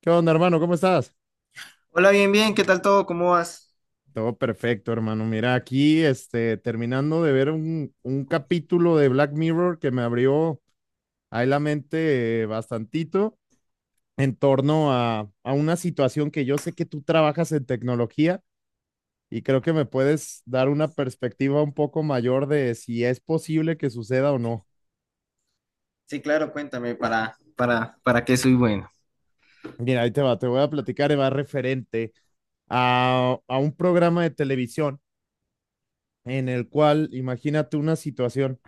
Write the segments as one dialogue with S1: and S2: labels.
S1: ¿Qué onda, hermano? ¿Cómo estás?
S2: Hola, bien, bien, ¿qué tal todo? ¿Cómo vas?
S1: Todo perfecto, hermano. Mira, aquí, terminando de ver un capítulo de Black Mirror que me abrió ahí la mente bastantito en torno a una situación que yo sé que tú trabajas en tecnología, y creo que me puedes dar una perspectiva un poco mayor de si es posible que suceda o no.
S2: Sí, claro, cuéntame, ¿¿para qué soy bueno?
S1: Mira, ahí te va, te voy a platicar, y va referente a un programa de televisión en el cual imagínate una situación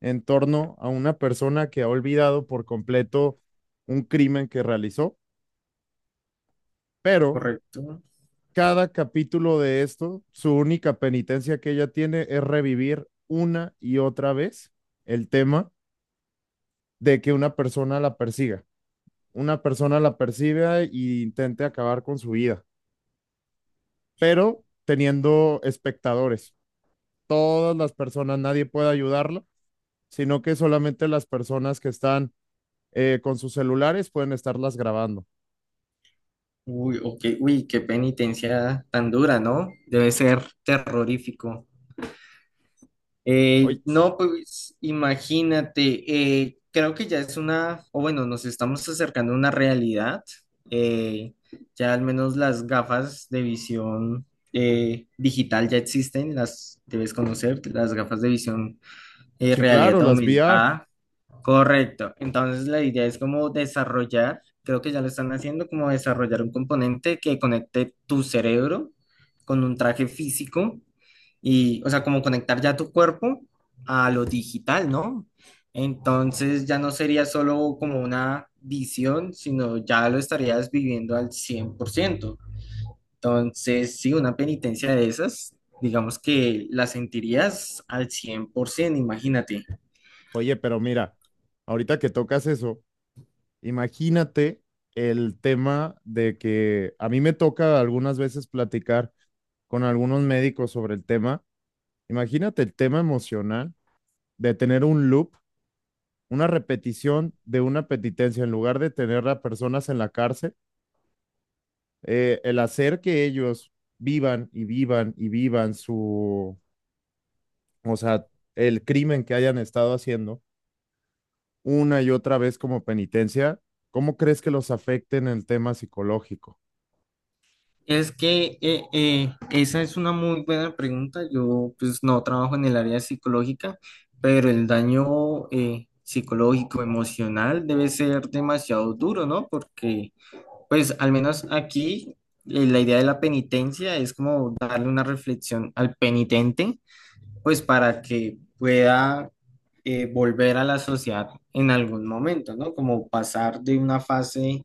S1: en torno a una persona que ha olvidado por completo un crimen que realizó, pero
S2: Correcto.
S1: cada capítulo de esto, su única penitencia que ella tiene es revivir una y otra vez el tema de que una persona la persiga, una persona la persiga e intente acabar con su vida, pero teniendo espectadores. Todas las personas, nadie puede ayudarla, sino que solamente las personas que están con sus celulares pueden estarlas grabando.
S2: Uy, ok, uy, qué penitencia tan dura, ¿no? Debe ser terrorífico.
S1: Oye,
S2: No, pues imagínate, creo que ya es una, o bueno, nos estamos acercando a una realidad. eh, ya al menos las gafas de visión digital ya existen, las debes conocer, las gafas de visión
S1: sí,
S2: realidad
S1: claro, las VR.
S2: aumentada. Correcto. Entonces la idea es como desarrollar, creo que ya lo están haciendo, como desarrollar un componente que conecte tu cerebro con un traje físico y, o sea, como conectar ya tu cuerpo a lo digital, ¿no? Entonces ya no sería solo como una visión, sino ya lo estarías viviendo al 100%. Entonces, sí, una penitencia de esas, digamos que la sentirías al 100%, imagínate.
S1: Oye, pero mira, ahorita que tocas eso, imagínate el tema de que a mí me toca algunas veces platicar con algunos médicos sobre el tema. Imagínate el tema emocional de tener un loop, una repetición de una penitencia, en lugar de tener a personas en la cárcel, el hacer que ellos vivan y vivan y vivan su, o sea, el crimen que hayan estado haciendo una y otra vez como penitencia. ¿Cómo crees que los afecte en el tema psicológico?
S2: Es que esa es una muy buena pregunta. Yo pues no trabajo en el área psicológica, pero el daño psicológico, emocional debe ser demasiado duro, ¿no? Porque pues al menos aquí la idea de la penitencia es como darle una reflexión al penitente, pues para que pueda volver a la sociedad en algún momento, ¿no? Como pasar de una fase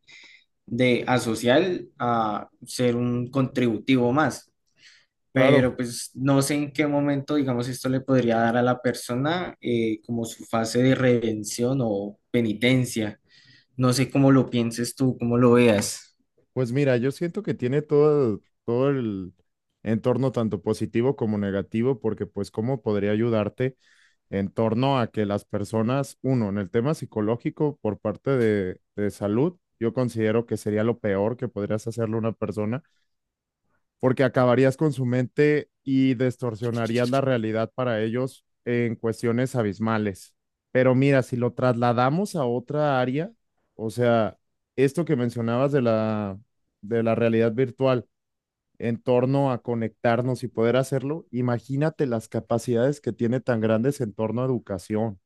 S2: de asociar a ser un contributivo más.
S1: Claro,
S2: Pero pues no sé en qué momento, digamos, esto le podría dar a la persona como su fase de redención o penitencia. No sé cómo lo pienses tú, cómo lo veas.
S1: pues mira, yo siento que tiene todo, todo el entorno tanto positivo como negativo, porque pues cómo podría ayudarte en torno a que las personas, uno, en el tema psicológico por parte de salud, yo considero que sería lo peor que podrías hacerle a una persona, porque acabarías con su mente y distorsionarías la realidad para ellos en cuestiones abismales. Pero mira, si lo trasladamos a otra área, o sea, esto que mencionabas de de la realidad virtual en torno a conectarnos y poder hacerlo, imagínate las capacidades que tiene tan grandes en torno a educación.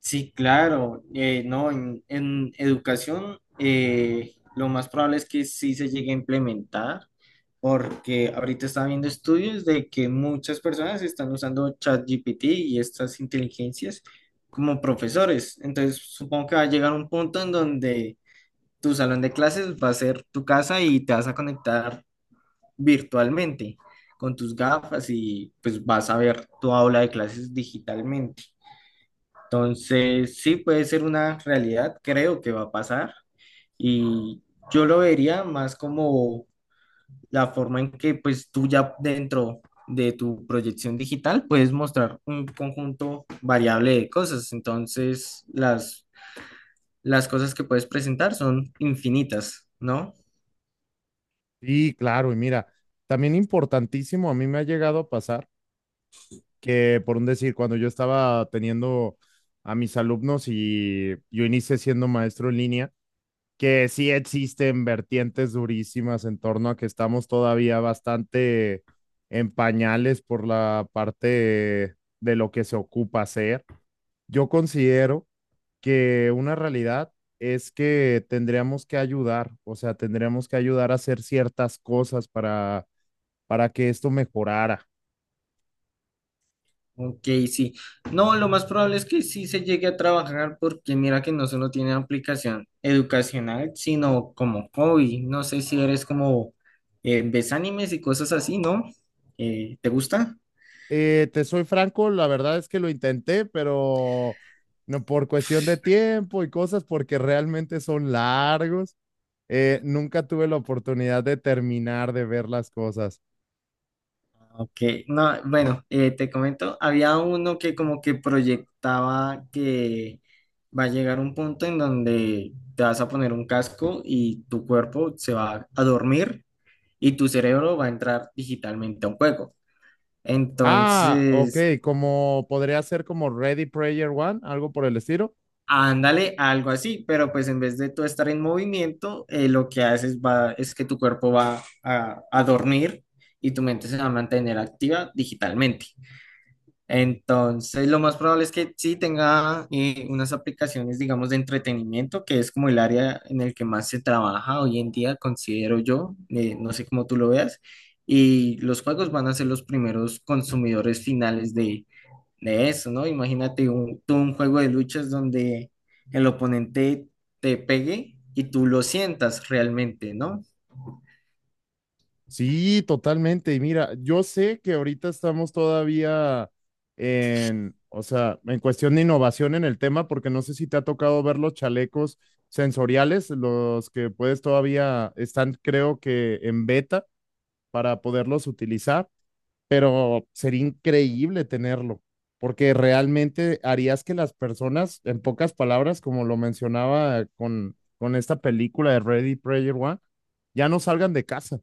S2: Sí, claro, no, en educación lo más probable es que sí se llegue a implementar, porque ahorita está viendo estudios de que muchas personas están usando ChatGPT y estas inteligencias como profesores. Entonces, supongo que va a llegar un punto en donde tu salón de clases va a ser tu casa y te vas a conectar virtualmente con tus gafas y pues vas a ver tu aula de clases digitalmente. Entonces, sí puede ser una realidad, creo que va a pasar y yo lo vería más como la forma en que pues tú ya dentro de tu proyección digital puedes mostrar un conjunto variable de cosas. Entonces, las cosas que puedes presentar son infinitas, ¿no?
S1: Sí, claro, y mira, también importantísimo, a mí me ha llegado a pasar que por un decir, cuando yo estaba teniendo a mis alumnos y yo inicié siendo maestro en línea, que sí existen vertientes durísimas en torno a que estamos todavía bastante en pañales por la parte de lo que se ocupa hacer. Yo considero que una realidad es que tendríamos que ayudar, o sea, tendríamos que ayudar a hacer ciertas cosas para que esto mejorara.
S2: Ok, sí. No, lo más probable es que sí se llegue a trabajar porque mira que no solo tiene aplicación educacional, sino como hobby. No sé si eres como ves animes y cosas así, ¿no? ¿Te gusta?
S1: Te soy franco, la verdad es que lo intenté, pero no por cuestión de tiempo y cosas, porque realmente son largos. Eh, nunca tuve la oportunidad de terminar de ver las cosas.
S2: Ok, no, bueno, te comento, había uno que como que proyectaba que va a llegar un punto en donde te vas a poner un casco y tu cuerpo se va a dormir y tu cerebro va a entrar digitalmente a un juego.
S1: Ah, ok,
S2: Entonces,
S1: como podría ser como Ready Player One, algo por el estilo.
S2: ándale, algo así, pero pues en vez de tú estar en movimiento, lo que haces va, es que tu cuerpo va a dormir y tu mente se va a mantener activa digitalmente. Entonces, lo más probable es que sí tenga unas aplicaciones, digamos, de entretenimiento, que es como el área en el que más se trabaja hoy en día, considero yo, no sé cómo tú lo veas, y los juegos van a ser los primeros consumidores finales de eso, ¿no? Imagínate un, tú un juego de luchas donde el oponente te pegue y tú lo sientas realmente, ¿no?
S1: Sí, totalmente. Y mira, yo sé que ahorita estamos todavía en, o sea, en cuestión de innovación en el tema, porque no sé si te ha tocado ver los chalecos sensoriales, los que puedes todavía están, creo que en beta para poderlos utilizar, pero sería increíble tenerlo, porque realmente harías que las personas, en pocas palabras, como lo mencionaba con esta película de Ready Player One, ya no salgan de casa.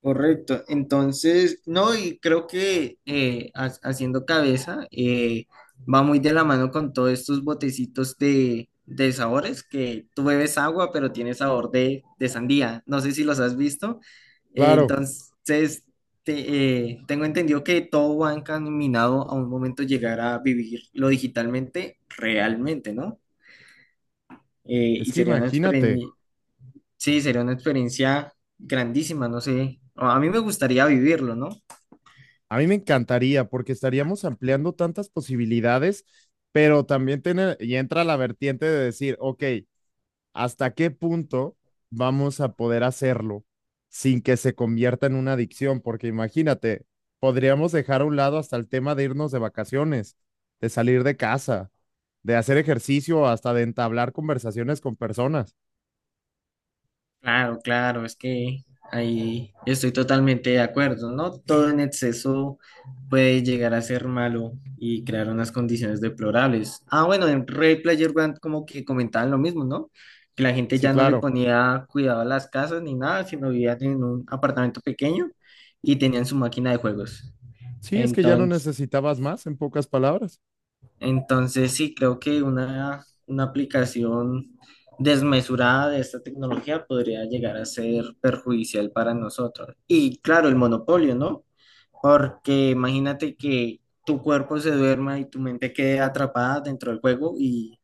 S2: Correcto, entonces, no, y creo que haciendo cabeza va muy de la mano con todos estos botecitos de sabores que tú bebes agua, pero tiene sabor de sandía. No sé si los has visto.
S1: Claro.
S2: Entonces, tengo entendido que todo va encaminado a un momento llegar a vivirlo digitalmente, realmente, ¿no?
S1: Es
S2: Y
S1: que
S2: sería una
S1: imagínate,
S2: experiencia, sí, sería una experiencia grandísima, no sé. A mí me gustaría vivirlo, ¿no?
S1: a mí me encantaría porque estaríamos ampliando tantas posibilidades, pero también tiene, y entra la vertiente de decir, ok, ¿hasta qué punto vamos a poder hacerlo sin que se convierta en una adicción? Porque imagínate, podríamos dejar a un lado hasta el tema de irnos de vacaciones, de salir de casa, de hacer ejercicio, hasta de entablar conversaciones con personas.
S2: Claro, claro, es que ahí estoy totalmente de acuerdo, ¿no? Todo en exceso puede llegar a ser malo y crear unas condiciones deplorables. Ah, bueno, en Red Player One como que comentaban lo mismo, ¿no? Que la gente
S1: Sí,
S2: ya no le
S1: claro.
S2: ponía cuidado a las casas ni nada, sino vivían en un apartamento pequeño y tenían su máquina de juegos.
S1: Sí, es que ya no necesitabas más, en pocas palabras.
S2: Entonces, sí, creo que una aplicación desmesurada de esta tecnología podría llegar a ser perjudicial para nosotros. Y claro, el monopolio, ¿no? Porque imagínate que tu cuerpo se duerma y tu mente quede atrapada dentro del juego y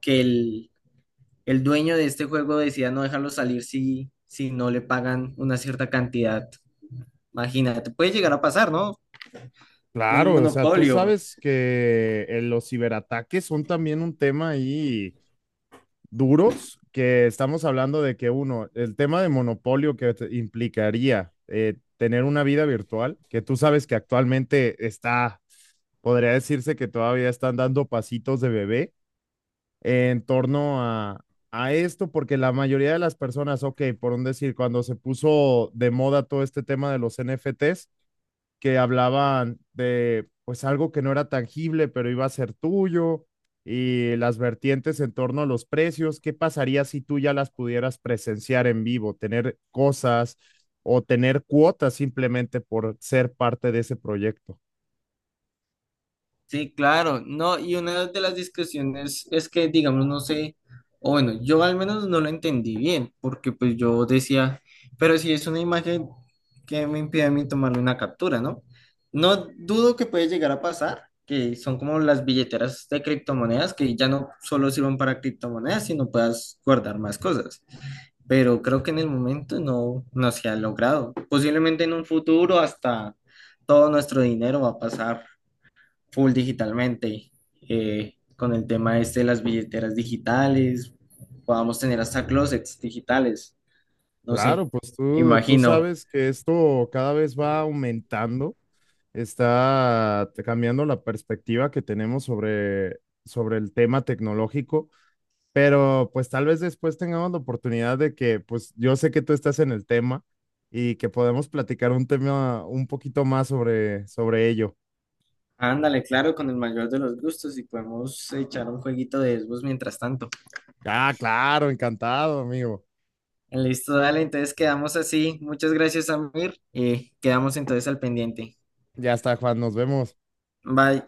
S2: que el dueño de este juego decida no dejarlo salir si no le pagan una cierta cantidad. Imagínate, puede llegar a pasar, ¿no? Un
S1: Claro, o sea, tú
S2: monopolio.
S1: sabes que los ciberataques son también un tema ahí duros, que estamos hablando de que uno, el tema de monopolio que te- implicaría tener una vida virtual, que tú sabes que actualmente está, podría decirse que todavía están dando pasitos de bebé en torno a esto, porque la mayoría de las personas, ok, por un decir, cuando se puso de moda todo este tema de los NFTs, que hablaban de pues algo que no era tangible, pero iba a ser tuyo y las vertientes en torno a los precios. ¿Qué pasaría si tú ya las pudieras presenciar en vivo, tener cosas o tener cuotas simplemente por ser parte de ese proyecto?
S2: Sí, claro, no, y una de las discusiones es que, digamos, no sé, o bueno, yo al menos no lo entendí bien, porque pues yo decía, pero si es una imagen que me impide a mí tomarle una captura, ¿no? No dudo que puede llegar a pasar, que son como las billeteras de criptomonedas, que ya no solo sirven para criptomonedas, sino puedas guardar más cosas, pero creo que en el momento no se ha logrado. Posiblemente en un futuro hasta todo nuestro dinero va a pasar full digitalmente, con el tema este de las billeteras digitales, podamos tener hasta closets digitales, no sé,
S1: Claro, pues tú
S2: imagino.
S1: sabes que esto cada vez va aumentando, está cambiando la perspectiva que tenemos sobre, sobre el tema tecnológico. Pero pues tal vez después tengamos la oportunidad de que, pues yo sé que tú estás en el tema y que podemos platicar un tema un poquito más sobre, sobre ello.
S2: Ándale, claro, con el mayor de los gustos y podemos echar un jueguito de Xbox mientras tanto.
S1: Ah, claro, encantado, amigo.
S2: Listo, dale, entonces quedamos así. Muchas gracias, Amir, y quedamos entonces al pendiente.
S1: Ya está, Juan, nos vemos.
S2: Bye.